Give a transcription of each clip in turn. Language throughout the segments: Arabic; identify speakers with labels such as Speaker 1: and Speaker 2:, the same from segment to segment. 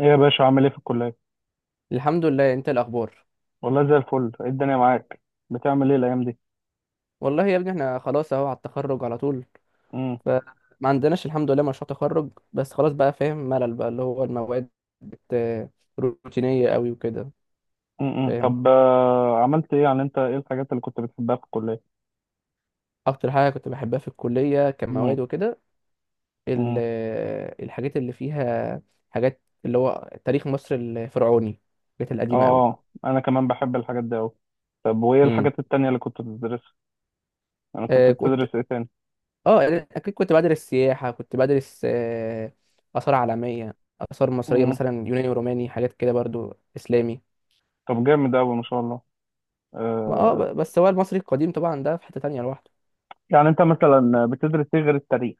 Speaker 1: ايه يا باشا عامل ايه في الكلية؟
Speaker 2: الحمد لله، انت إيه الاخبار؟
Speaker 1: والله زي الفل، ايه الدنيا معاك؟ بتعمل ايه الأيام دي؟
Speaker 2: والله يا ابني احنا خلاص اهو على التخرج على طول.
Speaker 1: امم
Speaker 2: فما عندناش الحمد لله مشروع تخرج، بس خلاص بقى فاهم، ملل بقى اللي هو المواد بت... روتينية قوي وكده.
Speaker 1: امم
Speaker 2: فاهم.
Speaker 1: طب آه، عملت ايه يعني، انت ايه الحاجات اللي كنت بتحبها في الكلية؟
Speaker 2: اكتر حاجة كنت بحبها في الكلية
Speaker 1: امم
Speaker 2: كمواد وكده، ال...
Speaker 1: امم
Speaker 2: الحاجات اللي فيها، حاجات اللي هو تاريخ مصر الفرعوني، الحاجات القديمة قوي.
Speaker 1: اه اه انا كمان بحب الحاجات دي اوي. طب وايه
Speaker 2: امم
Speaker 1: الحاجات التانية اللي كنت بتدرسها؟ انا كنت
Speaker 2: آه كنت
Speaker 1: بتدرس ايه تاني؟
Speaker 2: اه اكيد كنت بدرس سياحه، كنت بدرس اثار عالميه، اثار مصريه
Speaker 1: امم
Speaker 2: مثلا يوناني وروماني حاجات كده برضو اسلامي.
Speaker 1: طب جامد اوي ما شاء الله. آه
Speaker 2: بس هو المصري القديم طبعا، ده في حته تانية لوحده.
Speaker 1: يعني انت مثلا بتدرس ايه غير التاريخ؟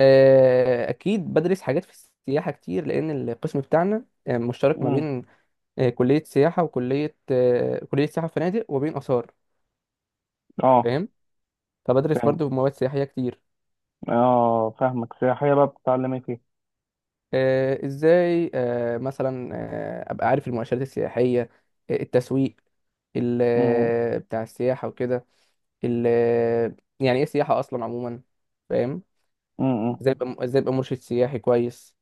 Speaker 2: اكيد بدرس حاجات في السياحه كتير، لان القسم بتاعنا مشترك ما
Speaker 1: امم
Speaker 2: بين كليه سياحه وكليه آه، كليه سياحه وفنادق، وبين اثار.
Speaker 1: اه
Speaker 2: فاهم. فبدرس
Speaker 1: فاهم.
Speaker 2: برضو مواد سياحيه كتير.
Speaker 1: اه فاهمك، سياحية بقى بتتعلم ايه فيها؟
Speaker 2: ازاي مثلا ابقى عارف المؤشرات السياحيه، التسويق
Speaker 1: امم
Speaker 2: بتاع السياحه وكده. يعني ايه سياحه اصلا عموما. فاهم.
Speaker 1: امم
Speaker 2: ازاي ابقى مرشد سياحي كويس.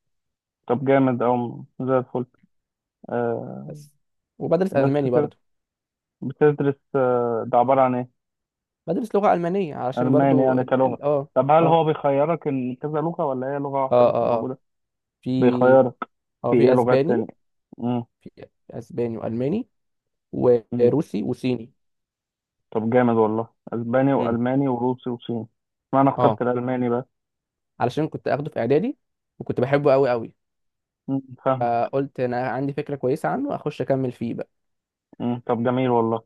Speaker 1: طب جامد اوي زي الفل. آه،
Speaker 2: بس. وبدرس
Speaker 1: بس
Speaker 2: الماني
Speaker 1: كده
Speaker 2: برضو.
Speaker 1: بتدرس آه، ده عبارة عن ايه؟
Speaker 2: بدرس لغه المانيه علشان
Speaker 1: ألماني
Speaker 2: برضو
Speaker 1: يعني كلغة. طب هل
Speaker 2: اه.
Speaker 1: هو بيخيرك إن كذا لغة ولا هي لغة واحدة
Speaker 2: اه
Speaker 1: بس اللي
Speaker 2: اه اه
Speaker 1: موجودة؟
Speaker 2: في
Speaker 1: بيخيرك.
Speaker 2: اه
Speaker 1: في ايه
Speaker 2: في
Speaker 1: لغات
Speaker 2: اسباني.
Speaker 1: تانية؟ مم.
Speaker 2: في اسباني والماني
Speaker 1: مم.
Speaker 2: وروسي وصيني.
Speaker 1: طب جامد والله، أسباني
Speaker 2: مم.
Speaker 1: وألماني وروسي وصيني. ما أنا
Speaker 2: اه،
Speaker 1: اخترت الألماني بقى.
Speaker 2: علشان كنت اخده في اعدادي، وكنت بحبه قوي قوي.
Speaker 1: مم. فاهمك.
Speaker 2: فقلت انا عندي فكره كويسه عنه، اخش اكمل فيه بقى.
Speaker 1: مم. طب جميل والله.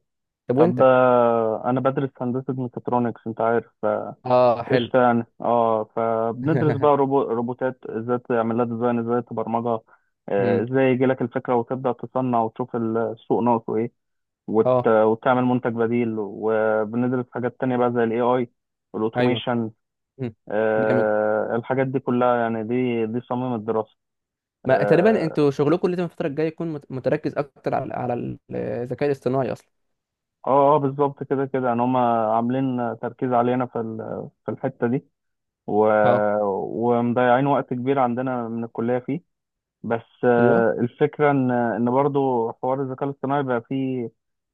Speaker 2: طب
Speaker 1: طب
Speaker 2: وانت؟
Speaker 1: آه، أنا بدرس هندسة ميكاترونكس، أنت عارف.
Speaker 2: اه حلو.
Speaker 1: قشطة يعني. اه، فبندرس بقى روبوتات، ازاي تعمل لها ديزاين، ازاي تبرمجها.
Speaker 2: مم.
Speaker 1: ازاي يجي لك الفكرة وتبدأ تصنع وتشوف السوق ناقصه ايه،
Speaker 2: اه،
Speaker 1: وتعمل منتج بديل. وبندرس حاجات تانية بقى زي الاي اي
Speaker 2: ايوه.
Speaker 1: والاوتوميشن.
Speaker 2: مم. جامد.
Speaker 1: آه، الحاجات دي كلها يعني دي صميم الدراسة.
Speaker 2: ما تقريبا
Speaker 1: اه
Speaker 2: انتوا شغلكم لازم الفتره الجايه يكون متركز اكتر على الذكاء الاصطناعي اصلا.
Speaker 1: اه، بالظبط كده كده، يعني هما عاملين تركيز علينا في الحتة دي، و...
Speaker 2: اه.
Speaker 1: ومضيعين وقت كبير عندنا من الكلية فيه. بس
Speaker 2: ايوه.
Speaker 1: آه، الفكرة إن برضه حوار الذكاء الاصطناعي بقى فيه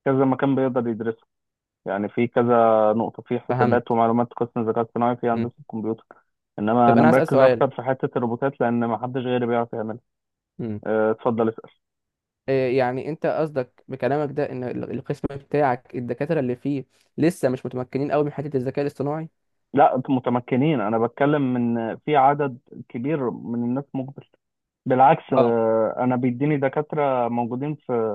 Speaker 1: كذا مكان بيقدر يدرسه. يعني في كذا نقطة في حسابات
Speaker 2: فهمت.
Speaker 1: ومعلومات، قسم الذكاء الاصطناعي في
Speaker 2: مم.
Speaker 1: هندسة الكمبيوتر. إنما
Speaker 2: طب
Speaker 1: أنا
Speaker 2: انا هسال
Speaker 1: مركز
Speaker 2: سؤال.
Speaker 1: أكتر في حتة الروبوتات لأن محدش غيري بيعرف يعملها.
Speaker 2: مم.
Speaker 1: اتفضل اسأل.
Speaker 2: إيه يعني انت قصدك بكلامك ده، ان القسم بتاعك، الدكاتره اللي فيه لسه مش متمكنين قوي من حته الذكاء الاصطناعي؟
Speaker 1: لا، أنتوا متمكنين، أنا بتكلم من في عدد كبير من الناس مقبل. بالعكس،
Speaker 2: اه.
Speaker 1: أنا بيديني دكاترة موجودين في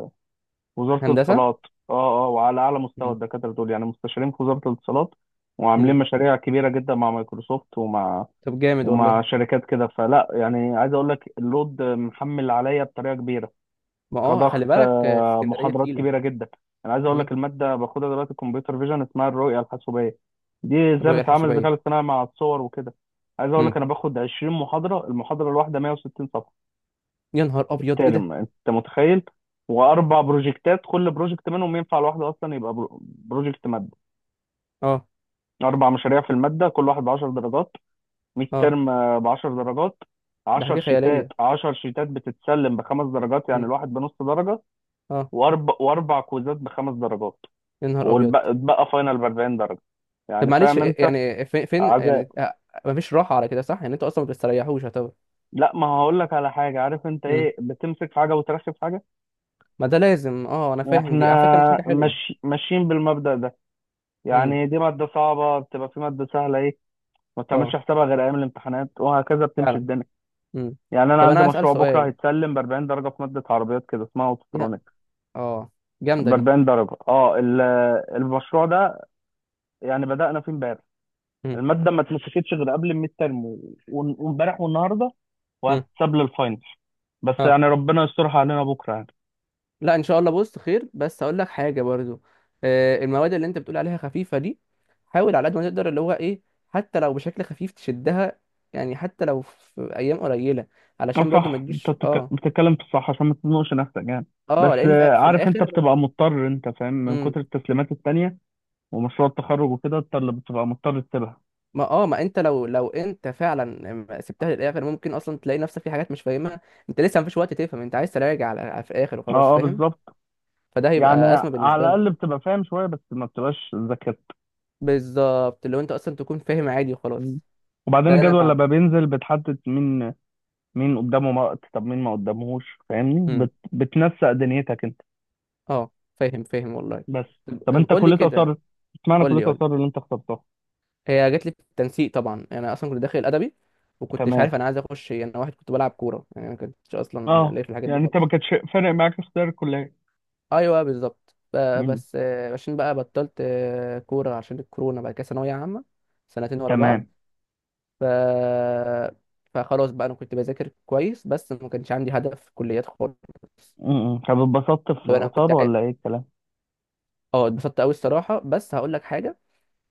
Speaker 1: وزارة
Speaker 2: هندسه.
Speaker 1: الاتصالات، اه اه، وعلى اعلى مستوى.
Speaker 2: مم.
Speaker 1: الدكاترة دول يعني مستشارين في وزارة الاتصالات وعاملين
Speaker 2: مم.
Speaker 1: مشاريع كبيرة جدا مع مايكروسوفت ومع
Speaker 2: طب جامد
Speaker 1: ومع
Speaker 2: والله.
Speaker 1: شركات كده. فلا يعني، عايز اقول لك اللود محمل عليا بطريقة كبيرة
Speaker 2: ما خلي
Speaker 1: كضغط،
Speaker 2: بالك، اسكندريه
Speaker 1: محاضرات
Speaker 2: تقيله.
Speaker 1: كبيرة جدا. انا عايز اقول
Speaker 2: مم.
Speaker 1: لك المادة باخدها دلوقتي كمبيوتر فيجن، اسمها الرؤية الحاسوبية، دي ازاي
Speaker 2: الرؤية
Speaker 1: بتتعامل الذكاء
Speaker 2: الحاسوبية.
Speaker 1: الاصطناعي مع الصور وكده. عايز اقول
Speaker 2: مم.
Speaker 1: لك انا باخد 20 محاضرة، المحاضرة الواحدة 160 صفحة
Speaker 2: يا نهار أبيض إيه ده؟
Speaker 1: ترم، انت متخيل؟ واربع بروجكتات، كل بروجكت منهم ينفع لوحده اصلا، يبقى بروجكت ماده.
Speaker 2: أه.
Speaker 1: اربع مشاريع في الماده، كل واحد ب 10 درجات، 100
Speaker 2: أه.
Speaker 1: ترم، ب 10 درجات.
Speaker 2: ده
Speaker 1: 10
Speaker 2: حاجة
Speaker 1: شيتات،
Speaker 2: خيالية.
Speaker 1: 10 شيتات بتتسلم بخمس درجات يعني
Speaker 2: مم.
Speaker 1: الواحد بنص درجه.
Speaker 2: أه.
Speaker 1: واربع كويزات بخمس درجات.
Speaker 2: يا نهار أبيض.
Speaker 1: واتبقى فاينل ب 40 درجه.
Speaker 2: طب
Speaker 1: يعني
Speaker 2: معلش،
Speaker 1: فاهم انت،
Speaker 2: يعني فين
Speaker 1: عذاب.
Speaker 2: يعني مفيش راحة على كده صح؟ يعني أنتوا أصلا ما بتستريحوش يعتبر.
Speaker 1: لا ما هقول لك على حاجه، عارف انت
Speaker 2: مم.
Speaker 1: ايه، بتمسك في حاجه وترخي في حاجه.
Speaker 2: ما ده لازم، أه، أنا فاهم،
Speaker 1: احنا
Speaker 2: دي على فكرة مش حاجة حلوة.
Speaker 1: ماشي، ماشيين بالمبدأ ده.
Speaker 2: مم.
Speaker 1: يعني دي مادة صعبة، بتبقى في مادة سهلة ايه ما بتعملش
Speaker 2: أه،
Speaker 1: حسابها غير أيام الامتحانات، وهكذا بتمشي
Speaker 2: فعلا.
Speaker 1: الدنيا.
Speaker 2: مم.
Speaker 1: يعني أنا
Speaker 2: طب أنا
Speaker 1: عندي
Speaker 2: عايز أسأل
Speaker 1: مشروع بكرة
Speaker 2: سؤال.
Speaker 1: هيتسلم ب 40 درجة في مادة عربيات كده اسمها
Speaker 2: يا-
Speaker 1: أوتوترونيك،
Speaker 2: أه، جامدة
Speaker 1: ب
Speaker 2: دي.
Speaker 1: 40 درجة. اه المشروع ده يعني بدأنا فيه امبارح،
Speaker 2: مم.
Speaker 1: المادة ما اتمسكتش غير قبل الميد ترم وامبارح والنهاردة،
Speaker 2: مم.
Speaker 1: وهتتساب للفاينل. بس
Speaker 2: أه.
Speaker 1: يعني ربنا يسترها علينا بكرة يعني.
Speaker 2: لا، ان شاء الله بص خير، بس اقول لك حاجه برضو، المواد اللي انت بتقول عليها خفيفه دي، حاول على قد ما تقدر اللي هو ايه، حتى لو بشكل خفيف تشدها، يعني حتى لو في ايام قليله،
Speaker 1: اه
Speaker 2: علشان برضو ما
Speaker 1: صح، انت
Speaker 2: تجيش
Speaker 1: بتتكلم في الصح عشان ما تزنقش نفسك يعني. بس
Speaker 2: اه، لان في,
Speaker 1: آه،
Speaker 2: في
Speaker 1: عارف انت
Speaker 2: الاخر.
Speaker 1: بتبقى مضطر، انت فاهم، من كتر
Speaker 2: امم.
Speaker 1: التسليمات التانية ومشروع التخرج وكده انت اللي بتبقى مضطر تسيبها.
Speaker 2: ما انت لو انت فعلا ما سبتها للاخر، ممكن اصلا تلاقي نفسك في حاجات مش فاهمها، انت لسه مفيش وقت تفهم، انت عايز تراجع على في الاخر وخلاص
Speaker 1: اه اه
Speaker 2: فاهم.
Speaker 1: بالظبط.
Speaker 2: فده
Speaker 1: يعني
Speaker 2: هيبقى ازمه
Speaker 1: على
Speaker 2: بالنسبه لك.
Speaker 1: الاقل بتبقى فاهم شويه بس ما بتبقاش ذاكرت.
Speaker 2: بالظبط. لو انت اصلا تكون فاهم عادي وخلاص.
Speaker 1: مم.
Speaker 2: ده
Speaker 1: وبعدين
Speaker 2: اللي انا
Speaker 1: الجدول
Speaker 2: بعمله.
Speaker 1: لما بينزل بتحدد مين قدامه وقت، طب مين ما قدامهوش، فاهمني؟
Speaker 2: إمم.
Speaker 1: بتنسق دنيتك انت
Speaker 2: اه، فاهم فاهم والله.
Speaker 1: بس.
Speaker 2: طب
Speaker 1: طب
Speaker 2: طب،
Speaker 1: انت
Speaker 2: قول لي
Speaker 1: كليه
Speaker 2: كده.
Speaker 1: اثار، اشمعنى
Speaker 2: قول
Speaker 1: كليه
Speaker 2: لي قول لي.
Speaker 1: اثار اللي انت اخترتها؟
Speaker 2: هي جات لي في التنسيق طبعا، يعني انا اصلا كنت داخل ادبي، وكنتش
Speaker 1: تمام.
Speaker 2: عارف انا عايز اخش ايه. انا واحد كنت بلعب كوره، يعني انا ما كنتش اصلا
Speaker 1: اه
Speaker 2: ليا في الحاجات دي
Speaker 1: يعني انت
Speaker 2: خالص.
Speaker 1: ما كانش فارق معاك اختيار الكليه.
Speaker 2: ايوه بالظبط.
Speaker 1: مم.
Speaker 2: بس عشان بقى بطلت كوره عشان الكورونا، بعد كده ثانويه عامه، سنتين ورا
Speaker 1: تمام.
Speaker 2: بعض. ف فخلاص بقى انا كنت بذاكر كويس، بس ما كانش عندي هدف في الكليات خالص.
Speaker 1: مم. طب اتبسطت في
Speaker 2: لو انا كنت
Speaker 1: اثار
Speaker 2: عاي-
Speaker 1: ولا ايه الكلام؟
Speaker 2: اه، اتبسطت قوي الصراحه، بس هقول لك حاجه.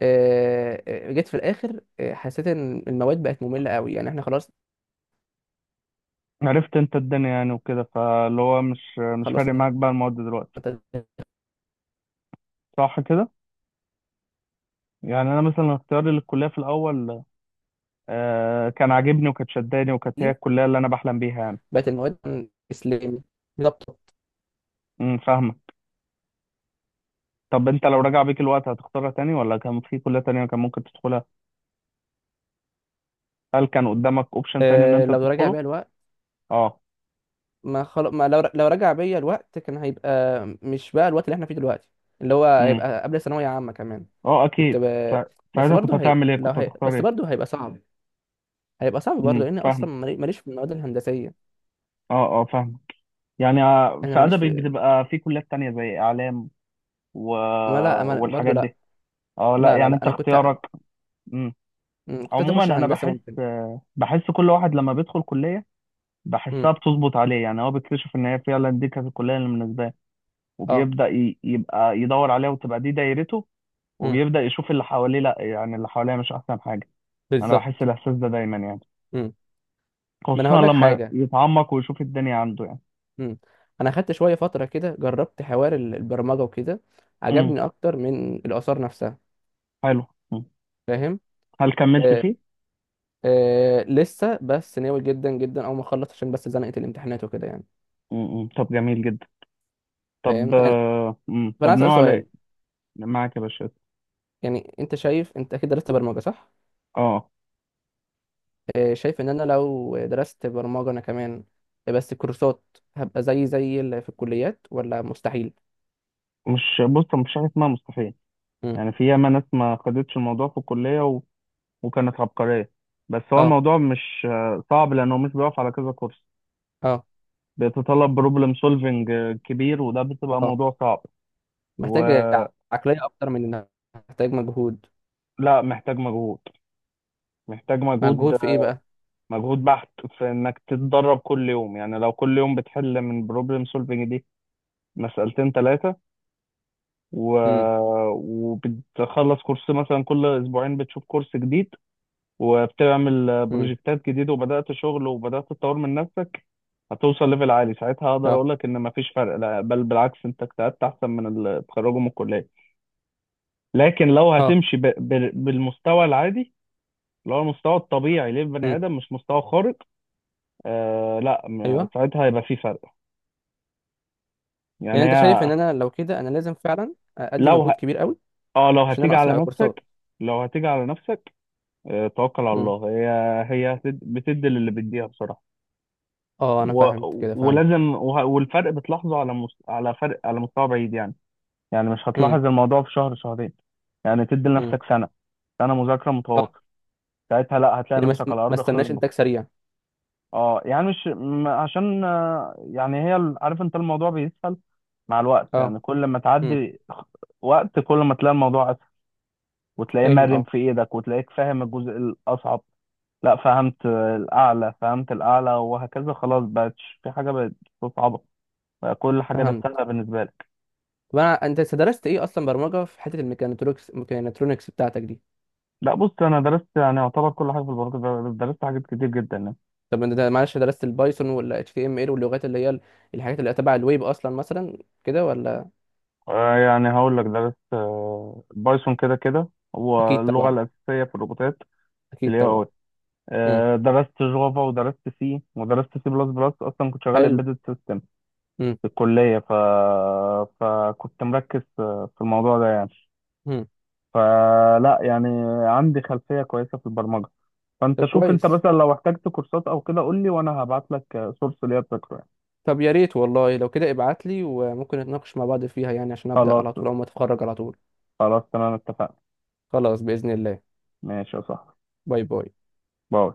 Speaker 2: جيت في الاخر حسيت ان المواد بقت ممله قوي، يعني احنا خلاص،
Speaker 1: عرفت انت الدنيا يعني وكده، فاللي هو مش فارق
Speaker 2: خلصنا.
Speaker 1: معاك بقى المواد دلوقتي
Speaker 2: تدريب.
Speaker 1: صح كده. يعني انا مثلا اختياري للكليه في الاول آه كان عاجبني، وكانت شداني، وكانت هي الكليه اللي انا بحلم بيها يعني.
Speaker 2: بقت المواد. اسلامي. بالظبط.
Speaker 1: فاهمه. طب انت لو رجع بيك الوقت هتختارها تاني، ولا كان في كليه تانية كان ممكن تدخلها؟ هل كان قدامك اوبشن تاني ان انت
Speaker 2: لو رجع
Speaker 1: تدخله؟
Speaker 2: بيا الوقت.
Speaker 1: اه.
Speaker 2: ما خل... ما لو لو رجع بيا الوقت كان هيبقى، مش بقى الوقت اللي احنا فيه دلوقتي، اللي هو
Speaker 1: امم
Speaker 2: هيبقى قبل ثانويه عامه كمان.
Speaker 1: اه
Speaker 2: كنت
Speaker 1: اكيد.
Speaker 2: ب...
Speaker 1: سا-
Speaker 2: بس
Speaker 1: ساعتها كنت
Speaker 2: برضه هي...
Speaker 1: هتعمل ايه؟
Speaker 2: لو
Speaker 1: كنت
Speaker 2: هي...
Speaker 1: هتختار
Speaker 2: بس
Speaker 1: ايه؟
Speaker 2: برضه هيبقى صعب. هيبقى صعب برضه، لان
Speaker 1: فاهم.
Speaker 2: اصلا ماليش في المواد الهندسيه.
Speaker 1: اه اه فاهم. يعني
Speaker 2: انا
Speaker 1: في
Speaker 2: ماليش
Speaker 1: ادبي
Speaker 2: في
Speaker 1: بتبقى في كليات تانية زي اعلام و...
Speaker 2: ما لا ما... برضه
Speaker 1: والحاجات
Speaker 2: لا.
Speaker 1: دي. اه لا،
Speaker 2: لا، لا،
Speaker 1: يعني
Speaker 2: لا،
Speaker 1: انت
Speaker 2: انا كنت.
Speaker 1: اختيارك. مم.
Speaker 2: مم، كنت عايز
Speaker 1: عموما
Speaker 2: اخش
Speaker 1: انا
Speaker 2: هندسه
Speaker 1: بحس،
Speaker 2: ممكن.
Speaker 1: بحس كل واحد لما بيدخل كليه بحسها
Speaker 2: مم.
Speaker 1: بتظبط عليه، يعني هو بيكتشف ان هي فعلا دي كانت الكليه اللي مناسباه له.
Speaker 2: اه،
Speaker 1: وبيبدا يبقى يدور عليها، وتبقى دي دايرته. وبيبدا يشوف اللي حواليه، لا يعني اللي حواليه مش احسن حاجه. انا بحس
Speaker 2: بالظبط.
Speaker 1: الاحساس ده دايما يعني،
Speaker 2: مم. ما انا
Speaker 1: خصوصا
Speaker 2: هقول لك
Speaker 1: لما
Speaker 2: حاجه.
Speaker 1: يتعمق ويشوف الدنيا عنده يعني.
Speaker 2: مم. انا خدت شويه فتره كده، جربت حوار البرمجه وكده،
Speaker 1: امم
Speaker 2: عجبني اكتر من الاثار نفسها.
Speaker 1: حلو. مم.
Speaker 2: فاهم.
Speaker 1: هل كملت
Speaker 2: آه
Speaker 1: فيه؟
Speaker 2: لسه، بس ناوي جدا جدا، اول ما اخلص، عشان بس زنقه الامتحانات وكده يعني.
Speaker 1: طب جميل جدا. طب
Speaker 2: فاهم يعني.
Speaker 1: آه، مم.
Speaker 2: فانا
Speaker 1: طب
Speaker 2: عايز اسال
Speaker 1: ناوي على ايه؟
Speaker 2: سؤال.
Speaker 1: معاك يا باشا.
Speaker 2: يعني انت شايف، انت اكيد درست برمجه صح؟
Speaker 1: اه
Speaker 2: شايف ان انا لو درست برمجه، انا كمان، بس كورسات، هبقى زي اللي في الكليات ولا مستحيل؟
Speaker 1: مش، بص، مش حاجه اسمها مستحيل.
Speaker 2: مم.
Speaker 1: يعني في ياما ناس ما خدتش الموضوع في الكلية وكانت عبقرية. بس هو
Speaker 2: اه.
Speaker 1: الموضوع مش صعب لأنه مش بيقف على كذا كورس،
Speaker 2: اه.
Speaker 1: بيتطلب بروبلم سولفنج كبير، وده بتبقى
Speaker 2: اه.
Speaker 1: موضوع صعب.
Speaker 2: محتاج
Speaker 1: ولا،
Speaker 2: عقلية أكتر من إنها محتاج مجهود.
Speaker 1: محتاج مجهود، محتاج مجهود،
Speaker 2: مجهود في إيه بقى؟
Speaker 1: مجهود بحت، في إنك تتدرب كل يوم. يعني لو كل يوم بتحل من بروبلم سولفنج دي مسألتين ثلاثة، و...
Speaker 2: امم.
Speaker 1: وبتخلص كورس مثلا كل أسبوعين، بتشوف كورس جديد وبتعمل
Speaker 2: امم.
Speaker 1: بروجكتات جديدة، وبدأت شغل وبدأت تطور من نفسك، هتوصل ليفل عالي. ساعتها هقدر
Speaker 2: أه.
Speaker 1: اقول لك ان مفيش فرق، لا بل بالعكس انت اجتهدت احسن من اللي اتخرجوا من الكليه. لكن لو
Speaker 2: أه.
Speaker 1: هتمشي بالمستوى العادي، اللي هو المستوى الطبيعي للبني
Speaker 2: امم.
Speaker 1: ادم مش مستوى خارق، آه لا م-
Speaker 2: أيوه.
Speaker 1: ساعتها هيبقى في فرق. يعني
Speaker 2: يعني أنت شايف
Speaker 1: هي
Speaker 2: إن أنا لو كده، أنا لازم فعلا أدي
Speaker 1: لو
Speaker 2: مجهود
Speaker 1: ه...
Speaker 2: كبير قوي؟
Speaker 1: اه لو
Speaker 2: عشان
Speaker 1: هتيجي
Speaker 2: أنا أصلا
Speaker 1: على
Speaker 2: أبقى
Speaker 1: نفسك،
Speaker 2: كورسات.
Speaker 1: لو هتيجي على نفسك، آه توكل على
Speaker 2: امم.
Speaker 1: الله. هي بتدي للي بيديها بصراحه.
Speaker 2: أه، أنا
Speaker 1: و...
Speaker 2: فهمت كده، فهمت.
Speaker 1: ولازم، والفرق بتلاحظه على فرق على مستوى بعيد يعني. يعني مش
Speaker 2: امم.
Speaker 1: هتلاحظ الموضوع في شهر شهرين. يعني تدي لنفسك
Speaker 2: امم.
Speaker 1: سنة، سنة مذاكرة
Speaker 2: أه.
Speaker 1: متواصل، ساعتها لا هتلاقي
Speaker 2: يعني
Speaker 1: نفسك على
Speaker 2: ما
Speaker 1: أرض
Speaker 2: استناش
Speaker 1: خصبة.
Speaker 2: إنتاج سريع.
Speaker 1: اه، يعني مش م... عشان يعني عارف انت، الموضوع بيسهل مع الوقت. يعني
Speaker 2: أه.
Speaker 1: كل ما
Speaker 2: امم،
Speaker 1: تعدي وقت، كل ما تلاقي الموضوع أسهل، وتلاقيه
Speaker 2: فاهم.
Speaker 1: مرن
Speaker 2: أه،
Speaker 1: في ايدك، وتلاقيك فاهم الجزء الأصعب. لا، فهمت الأعلى، فهمت الأعلى وهكذا. خلاص، بقتش في حاجة بقت صعبة، بقى كل حاجة
Speaker 2: فهمت.
Speaker 1: درستها بالنسبة لك.
Speaker 2: طب، أنت درست إيه أصلا برمجة في حتة الميكانترونكس بتاعتك دي؟
Speaker 1: لا بص، أنا درست يعني يعتبر كل حاجة في البرمجة، درست حاجات كتير جدا يعني.
Speaker 2: طب انت معلش، درست البايثون ولا HTML واللغات اللي هي الحاجات اللي تبع الويب اصلا مثلا، كده ولا؟
Speaker 1: يعني هقول لك درست بايثون كده كده، هو
Speaker 2: اكيد
Speaker 1: اللغة
Speaker 2: طبعا.
Speaker 1: الأساسية في الروبوتات في
Speaker 2: اكيد
Speaker 1: الاي
Speaker 2: طبعا.
Speaker 1: اي.
Speaker 2: امم.
Speaker 1: درست جافا ودرست سي ودرست سي بلس بلس، أصلا كنت شغال
Speaker 2: حلو.
Speaker 1: امبيدد سيستم
Speaker 2: امم.
Speaker 1: في الكلية، فكنت مركز في الموضوع ده يعني.
Speaker 2: امم.
Speaker 1: فلا يعني، عندي خلفية كويسة في البرمجة. فأنت
Speaker 2: طب
Speaker 1: شوف، أنت
Speaker 2: كويس.
Speaker 1: مثلا لو احتجت كورسات أو كده قول لي، وأنا هبعت لك سورس ليا تذاكره يعني.
Speaker 2: طب يا ريت والله، لو كده ابعت لي وممكن نتناقش مع بعض فيها يعني، عشان ابدا
Speaker 1: خلاص.
Speaker 2: على طول او ما اتخرج على طول.
Speaker 1: خلاص تمام اتفقنا.
Speaker 2: خلاص، باذن الله.
Speaker 1: ماشي يا صاحبي.
Speaker 2: باي باي.
Speaker 1: باي.